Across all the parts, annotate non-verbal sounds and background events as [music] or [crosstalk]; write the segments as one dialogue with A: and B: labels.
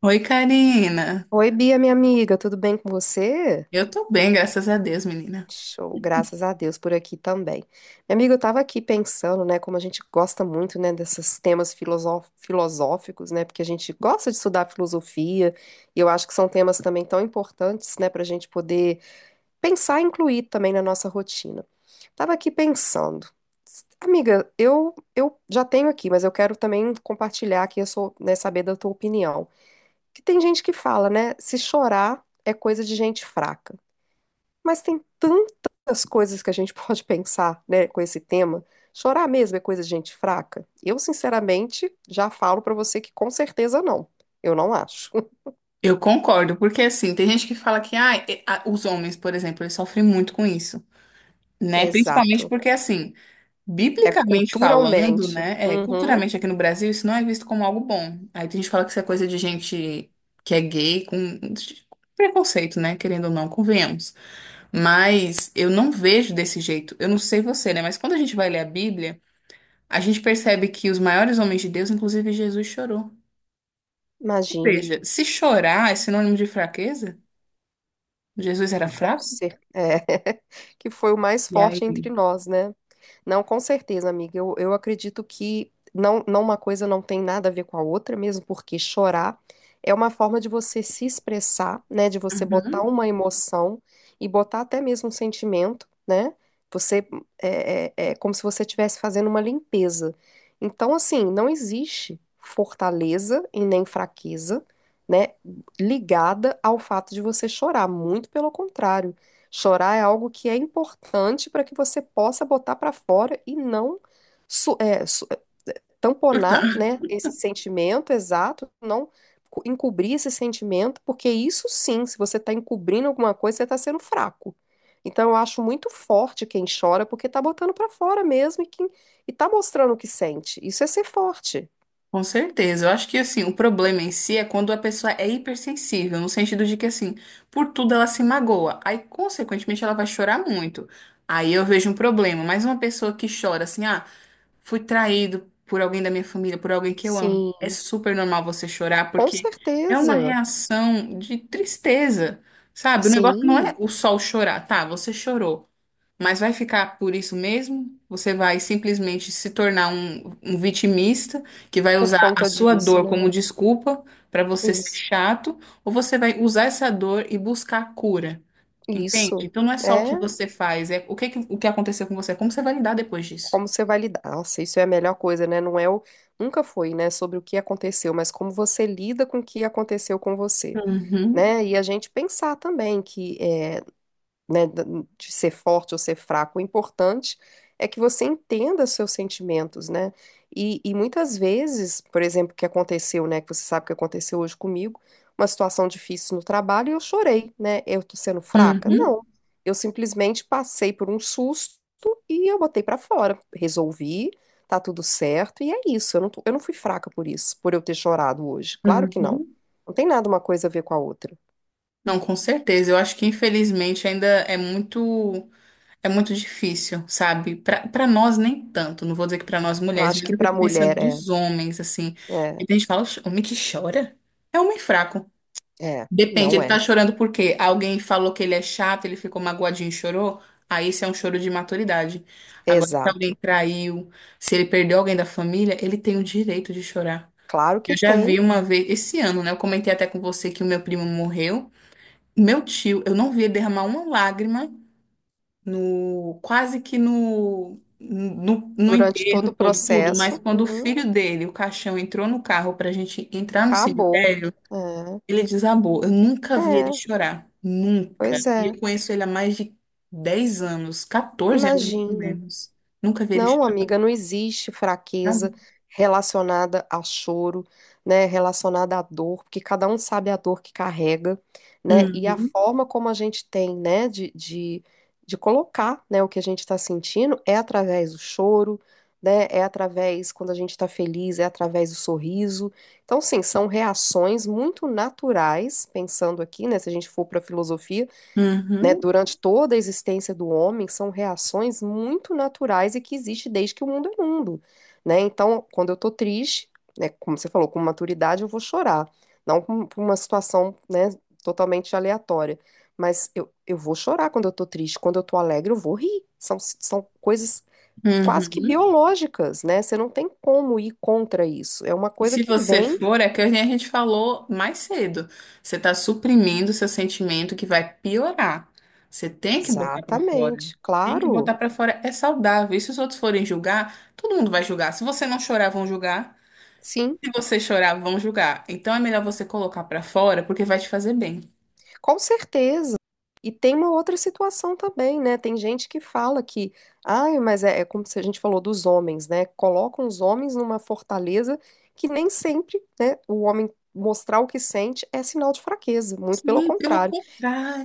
A: Oi, Karina.
B: Oi, Bia, minha amiga, tudo bem com você?
A: Eu tô bem, graças a Deus, menina.
B: Show, graças a Deus por aqui também. Minha amiga, eu tava aqui pensando, né, como a gente gosta muito, né, desses temas filosóficos, né, porque a gente gosta de estudar filosofia, e eu acho que são temas também tão importantes, né, pra gente poder pensar e incluir também na nossa rotina. Tava aqui pensando, amiga, eu já tenho aqui, mas eu quero também compartilhar aqui, eu sou, né, saber da tua opinião que tem gente que fala, né? Se chorar é coisa de gente fraca. Mas tem tantas coisas que a gente [laughs] pode pensar, né, com esse tema. Chorar mesmo é coisa de gente fraca? Eu, sinceramente, já falo pra você que com certeza não. Eu não acho. [laughs]
A: Eu concordo, porque assim, tem gente que fala que os homens, por exemplo, eles sofrem muito com isso, né? Principalmente
B: Exato.
A: porque, assim,
B: É
A: biblicamente falando,
B: culturalmente.
A: né? É,
B: Uhum,
A: culturalmente aqui no Brasil, isso não é visto como algo bom. Aí tem gente que fala que isso é coisa de gente que é gay, com preconceito, né? Querendo ou não, convenhamos. Mas eu não vejo desse jeito. Eu não sei você, né? Mas quando a gente vai ler a Bíblia. A gente percebe que os maiores homens de Deus, inclusive Jesus, chorou. Ou
B: imagina.
A: seja, se chorar é sinônimo de fraqueza, Jesus era
B: Com
A: fraco?
B: cer- é, [laughs] que foi o mais
A: E
B: forte
A: aí?
B: entre nós, né? Não, com certeza, amiga. Eu acredito que não, não uma coisa não tem nada a ver com a outra, mesmo porque chorar é uma forma de você se expressar, né? De você botar
A: Uhum.
B: uma emoção e botar até mesmo um sentimento, né? Você é como se você estivesse fazendo uma limpeza. Então, assim, não existe fortaleza e nem fraqueza, né? Ligada ao fato de você chorar, muito pelo contrário. Chorar é algo que é importante para que você possa botar para fora e não su- é, su- tamponar, né,
A: Portanto,
B: esse sentimento exato, não encobrir esse sentimento, porque isso sim, se você está encobrindo alguma coisa, você está sendo fraco. Então, eu acho muito forte quem chora, porque está botando para fora mesmo e tá mostrando o que sente. Isso é ser forte.
A: com certeza. Eu acho que assim, o problema em si é quando a pessoa é hipersensível, no sentido de que assim, por tudo ela se magoa. Aí, consequentemente, ela vai chorar muito. Aí eu vejo um problema. Mas uma pessoa que chora assim, fui traído por alguém da minha família, por alguém que eu amo. É
B: Sim,
A: super normal você chorar,
B: com
A: porque é uma
B: certeza.
A: reação de tristeza, sabe? O negócio não é
B: Sim.
A: o sol chorar, tá? Você chorou, mas vai ficar por isso mesmo? Você vai simplesmente se tornar um vitimista que vai
B: Por
A: usar a
B: conta
A: sua
B: disso,
A: dor
B: né?
A: como desculpa para você ser
B: Isso.
A: chato, ou você vai usar essa dor e buscar cura? Entende?
B: Isso.
A: Então não é só o que
B: É
A: você faz, é o que aconteceu com você, como você vai lidar depois disso.
B: como você vai lidar. Nossa, isso é a melhor coisa, né? Não é o. Nunca foi, né? Sobre o que aconteceu, mas como você lida com o que aconteceu com você,
A: Uhum.
B: né? E a gente pensar também que é, né, da- de ser forte ou ser fraco. O importante é que você entenda seus sentimentos, né? E muitas vezes, por exemplo, o que aconteceu, né, que você sabe que aconteceu hoje comigo, uma situação difícil no trabalho e eu chorei, né? Eu tô sendo fraca? Não.
A: Uhum,
B: Eu simplesmente passei por um susto e eu botei pra fora. Resolvi, tá tudo certo e é isso. Eu não fui fraca por isso, por eu ter chorado hoje. Claro que não.
A: uhum.
B: Não tem nada uma coisa a ver com a outra.
A: Não, com certeza. Eu acho que infelizmente ainda é muito difícil, sabe? Para nós nem tanto. Não vou dizer que para nós
B: Eu
A: mulheres,
B: acho
A: mas
B: que
A: eu
B: pra
A: fico pensando
B: mulher é,
A: dos homens assim. E
B: é.
A: a gente fala, "Oxe, homem que chora é homem fraco."
B: É,
A: Depende,
B: não
A: ele tá
B: é.
A: chorando por quê? Alguém falou que ele é chato, ele ficou magoadinho e chorou? Aí isso é um choro de maturidade. Agora, se alguém
B: Exato.
A: traiu, se ele perdeu alguém da família, ele tem o direito de chorar.
B: Claro que
A: Eu já
B: tem,
A: vi uma vez, esse ano, né? Eu comentei até com você que o meu primo morreu. Meu tio, eu não vi ele derramar uma lágrima no, quase que no, no, no
B: durante todo
A: enterro
B: o
A: todo, tudo, mas
B: processo.
A: quando o
B: Uhum,
A: filho dele, o caixão, entrou no carro pra gente entrar no
B: acabou.
A: cemitério, ele desabou. Eu nunca
B: É,
A: vi ele
B: é,
A: chorar. Nunca.
B: pois
A: E
B: é.
A: eu conheço ele há mais de 10 anos, 14 anos, mais ou
B: Imagina.
A: menos. Nunca vi ele
B: Não,
A: chorar.
B: amiga, não existe fraqueza relacionada a choro, né, relacionada à dor, porque cada um sabe a dor que carrega, né, e a
A: Uhum,
B: forma como a gente tem, né, de colocar, né, o que a gente está sentindo é através do choro, né, é através quando a gente está feliz, é através do sorriso. Então, sim, são reações muito naturais, pensando aqui, né, se a gente for para a filosofia, né,
A: uhum,
B: durante toda a existência do homem, são reações muito naturais e que existe desde que o mundo é mundo, né? Então, quando eu tô triste, né, como você falou, com maturidade eu vou chorar, não com uma situação, né, totalmente aleatória, mas eu vou chorar quando eu tô triste, quando eu tô alegre eu vou rir, são coisas quase que
A: uhum.
B: biológicas, né? Você não tem como ir contra isso, é uma
A: E
B: coisa
A: se
B: que
A: você
B: vem.
A: for, é que nem a gente falou mais cedo. Você está suprimindo seu sentimento que vai piorar. Você tem que botar para fora.
B: Exatamente,
A: Tem que
B: claro,
A: botar para fora. É saudável. E se os outros forem julgar, todo mundo vai julgar. Se você não chorar, vão julgar.
B: sim.
A: Se você chorar, vão julgar. Então é melhor você colocar para fora, porque vai te fazer bem.
B: Com certeza. E tem uma outra situação também, né? Tem gente que fala que, ai, é como se a gente falou dos homens, né? Colocam os homens numa fortaleza que nem sempre, né, o homem mostrar o que sente é sinal de fraqueza, muito pelo
A: Sim, pelo
B: contrário.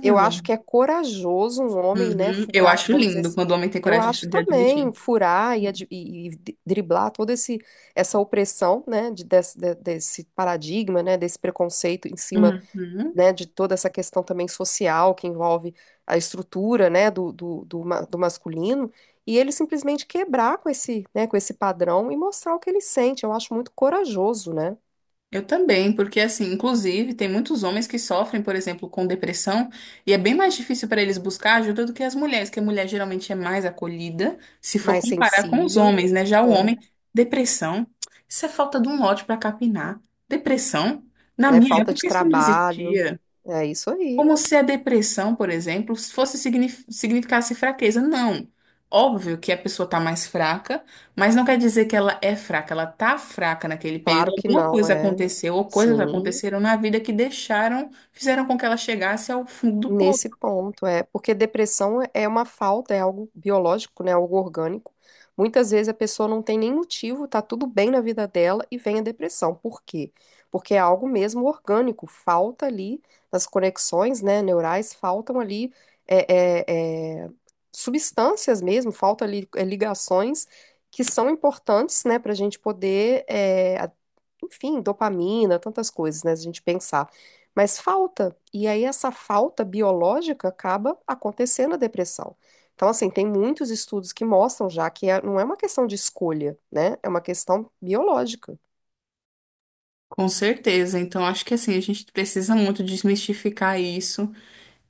B: Eu acho que é corajoso um homem, né,
A: Uhum. Eu
B: furar,
A: acho
B: vamos dizer
A: lindo
B: assim,
A: quando o homem tem
B: eu
A: coragem de
B: acho
A: de
B: também
A: admitir.
B: furar driblar toda esse, essa opressão, né, desse paradigma, né, desse preconceito em cima,
A: Uhum.
B: né, de toda essa questão também social que envolve a estrutura, né, do masculino, e ele simplesmente quebrar com esse, né, com esse padrão e mostrar o que ele sente. Eu acho muito corajoso, né?
A: Eu também, porque assim, inclusive, tem muitos homens que sofrem, por exemplo, com depressão, e é bem mais difícil para eles buscar ajuda do que as mulheres, que a mulher geralmente é mais acolhida, se for
B: Mais
A: comparar com os
B: sensível,
A: homens, né? Já o
B: né?
A: homem, depressão, isso é falta de um lote para capinar. Depressão, na
B: É
A: minha
B: falta de
A: época isso não
B: trabalho.
A: existia.
B: É isso aí.
A: Como se a depressão, por exemplo, significasse fraqueza. Não. Óbvio que a pessoa está mais fraca, mas não quer dizer que ela é fraca. Ela está fraca naquele
B: Claro
A: período.
B: que
A: Alguma
B: não,
A: coisa
B: é.
A: aconteceu ou coisas
B: Sim.
A: aconteceram na vida que deixaram, fizeram com que ela chegasse ao fundo do poço.
B: Nesse ponto, é, porque depressão é uma falta, é algo biológico, né, algo orgânico. Muitas vezes a pessoa não tem nem motivo, tá tudo bem na vida dela e vem a depressão. Por quê? Porque é algo mesmo orgânico, falta ali nas conexões, né, neurais, faltam ali é, é, é, substâncias mesmo, faltam ali, é, ligações que são importantes, né, para a gente poder, é, enfim, dopamina, tantas coisas, né? Se a gente pensar. Mas falta. E aí essa falta biológica acaba acontecendo a depressão. Então, assim, tem muitos estudos que mostram já não é uma questão de escolha, né? É uma questão biológica.
A: Com certeza. Então, acho que assim, a gente precisa muito desmistificar isso.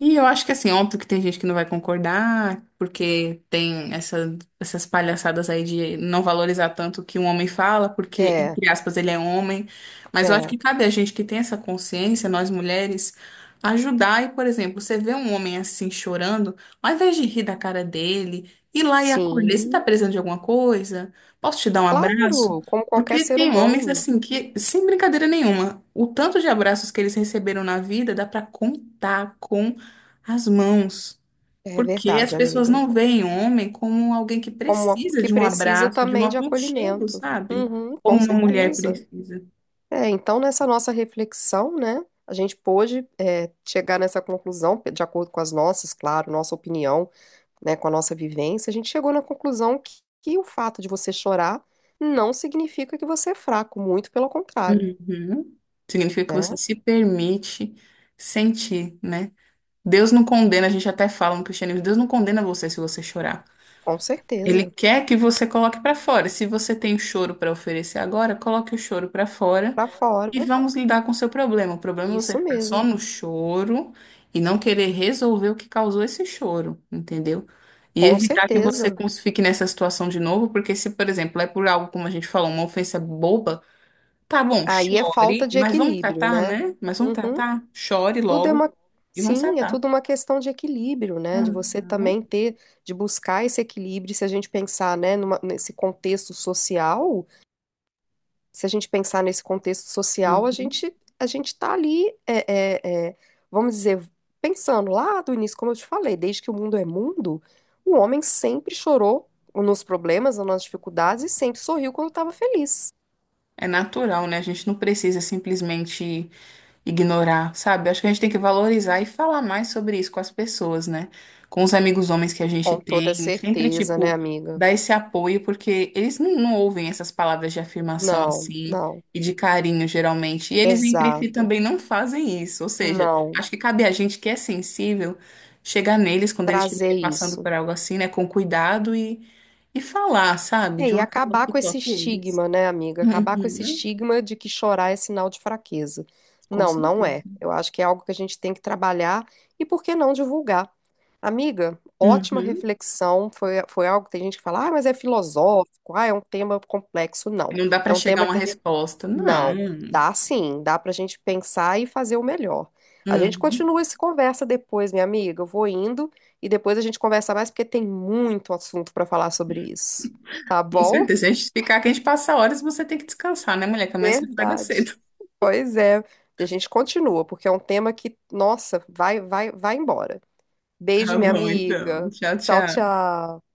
A: E eu acho que assim, óbvio que tem gente que não vai concordar, porque tem essas palhaçadas aí de não valorizar tanto o que um homem fala, porque,
B: É,
A: entre aspas, ele é homem. Mas eu acho
B: é,
A: que cabe a gente que tem essa consciência, nós mulheres, ajudar. E, por exemplo, você vê um homem assim chorando, ao invés de rir da cara dele, ir lá e acolher, você tá
B: sim,
A: precisando de alguma coisa? Posso te dar um abraço?
B: claro, como qualquer
A: Porque
B: ser
A: tem homens
B: humano.
A: assim que, sem brincadeira nenhuma, o tanto de abraços que eles receberam na vida dá pra contar com as mãos.
B: É
A: Porque as
B: verdade,
A: pessoas
B: amiga.
A: não veem o homem como alguém que precisa
B: Que
A: de um
B: precisa
A: abraço, de um
B: também de
A: aconchego,
B: acolhimento.
A: sabe?
B: Uhum, com
A: Como uma mulher
B: certeza.
A: precisa.
B: É, então, nessa nossa reflexão, né, a gente pôde, é, chegar nessa conclusão, de acordo com as nossas, claro, nossa opinião, né, com a nossa vivência, a gente chegou na conclusão que o fato de você chorar não significa que você é fraco, muito pelo contrário,
A: Uhum. Significa que você
B: né?
A: se permite sentir, né? Deus não condena, a gente até fala no cristianismo, Deus não condena você se você chorar.
B: Com
A: Ele
B: certeza.
A: quer que você coloque pra fora. Se você tem choro pra oferecer agora, coloque o choro pra fora.
B: Pra
A: E
B: fora,
A: vamos lidar com o seu problema. O problema é você
B: isso
A: ficar só
B: mesmo,
A: no choro e não querer resolver o que causou esse choro, entendeu? E
B: com
A: evitar que
B: certeza.
A: fique nessa situação de novo, porque se, por exemplo, é por algo, como a gente falou, uma ofensa boba, tá bom,
B: Aí é falta
A: chore,
B: de
A: mas vamos
B: equilíbrio,
A: tratar,
B: né?
A: né? Mas vamos
B: Uhum.
A: tratar, chore
B: Tudo é
A: logo
B: uma,
A: e vamos
B: sim, é
A: tratar.
B: tudo uma questão de equilíbrio, né? De você
A: Uhum,
B: também ter, de buscar esse equilíbrio. Se a gente pensar, né, nesse contexto social, se a gente pensar nesse contexto social,
A: uhum.
B: a gente está ali, é, é, vamos dizer, pensando lá do início, como eu te falei, desde que o mundo é mundo, o homem sempre chorou nos problemas, nas dificuldades e sempre sorriu quando estava feliz.
A: É natural, né? A gente não precisa simplesmente ignorar, sabe? Acho que a gente tem que valorizar e falar mais sobre isso com as pessoas, né? Com os amigos homens que a gente
B: Com toda
A: tem, sempre,
B: certeza, né,
A: tipo,
B: amiga?
A: dar esse apoio, porque eles não ouvem essas palavras de afirmação
B: Não,
A: assim
B: não.
A: e de carinho, geralmente. E eles entre si
B: Exato.
A: também não fazem isso. Ou seja,
B: Não.
A: acho que cabe a gente que é sensível chegar neles quando eles
B: Trazer
A: estiverem passando
B: isso.
A: por algo assim, né? Com cuidado e falar, sabe?
B: É,
A: De
B: e
A: uma forma
B: acabar
A: que
B: com esse
A: toque eles.
B: estigma, né, amiga? Acabar
A: [laughs]
B: com esse
A: Uhum.
B: estigma de que chorar é sinal de fraqueza.
A: Com
B: Não, não é.
A: certeza.
B: Eu acho que é algo que a gente tem que trabalhar e por que não divulgar? Amiga, ótima
A: Uhum.
B: reflexão. Foi algo que tem gente que fala, ah, mas é filosófico, ah, é um tema complexo. Não.
A: Não dá
B: É
A: para
B: um
A: chegar a
B: tema
A: uma
B: que a...
A: resposta.
B: Não,
A: Não.
B: dá sim, dá pra gente pensar e fazer o melhor. A gente
A: Uhum.
B: continua essa conversa depois, minha amiga. Eu vou indo e depois a gente conversa mais porque tem muito assunto pra falar sobre isso. Tá
A: Com
B: bom?
A: certeza. Se a gente ficar aqui, a gente passa horas, você tem que descansar, né, mulher? Que amanhã você acorda
B: Verdade.
A: cedo. [laughs]
B: Pois é. A gente continua, porque é um tema que, nossa, vai embora. Beijo,
A: Tá
B: minha
A: bom, então.
B: amiga.
A: Tchau,
B: Tchau,
A: tchau.
B: tchau.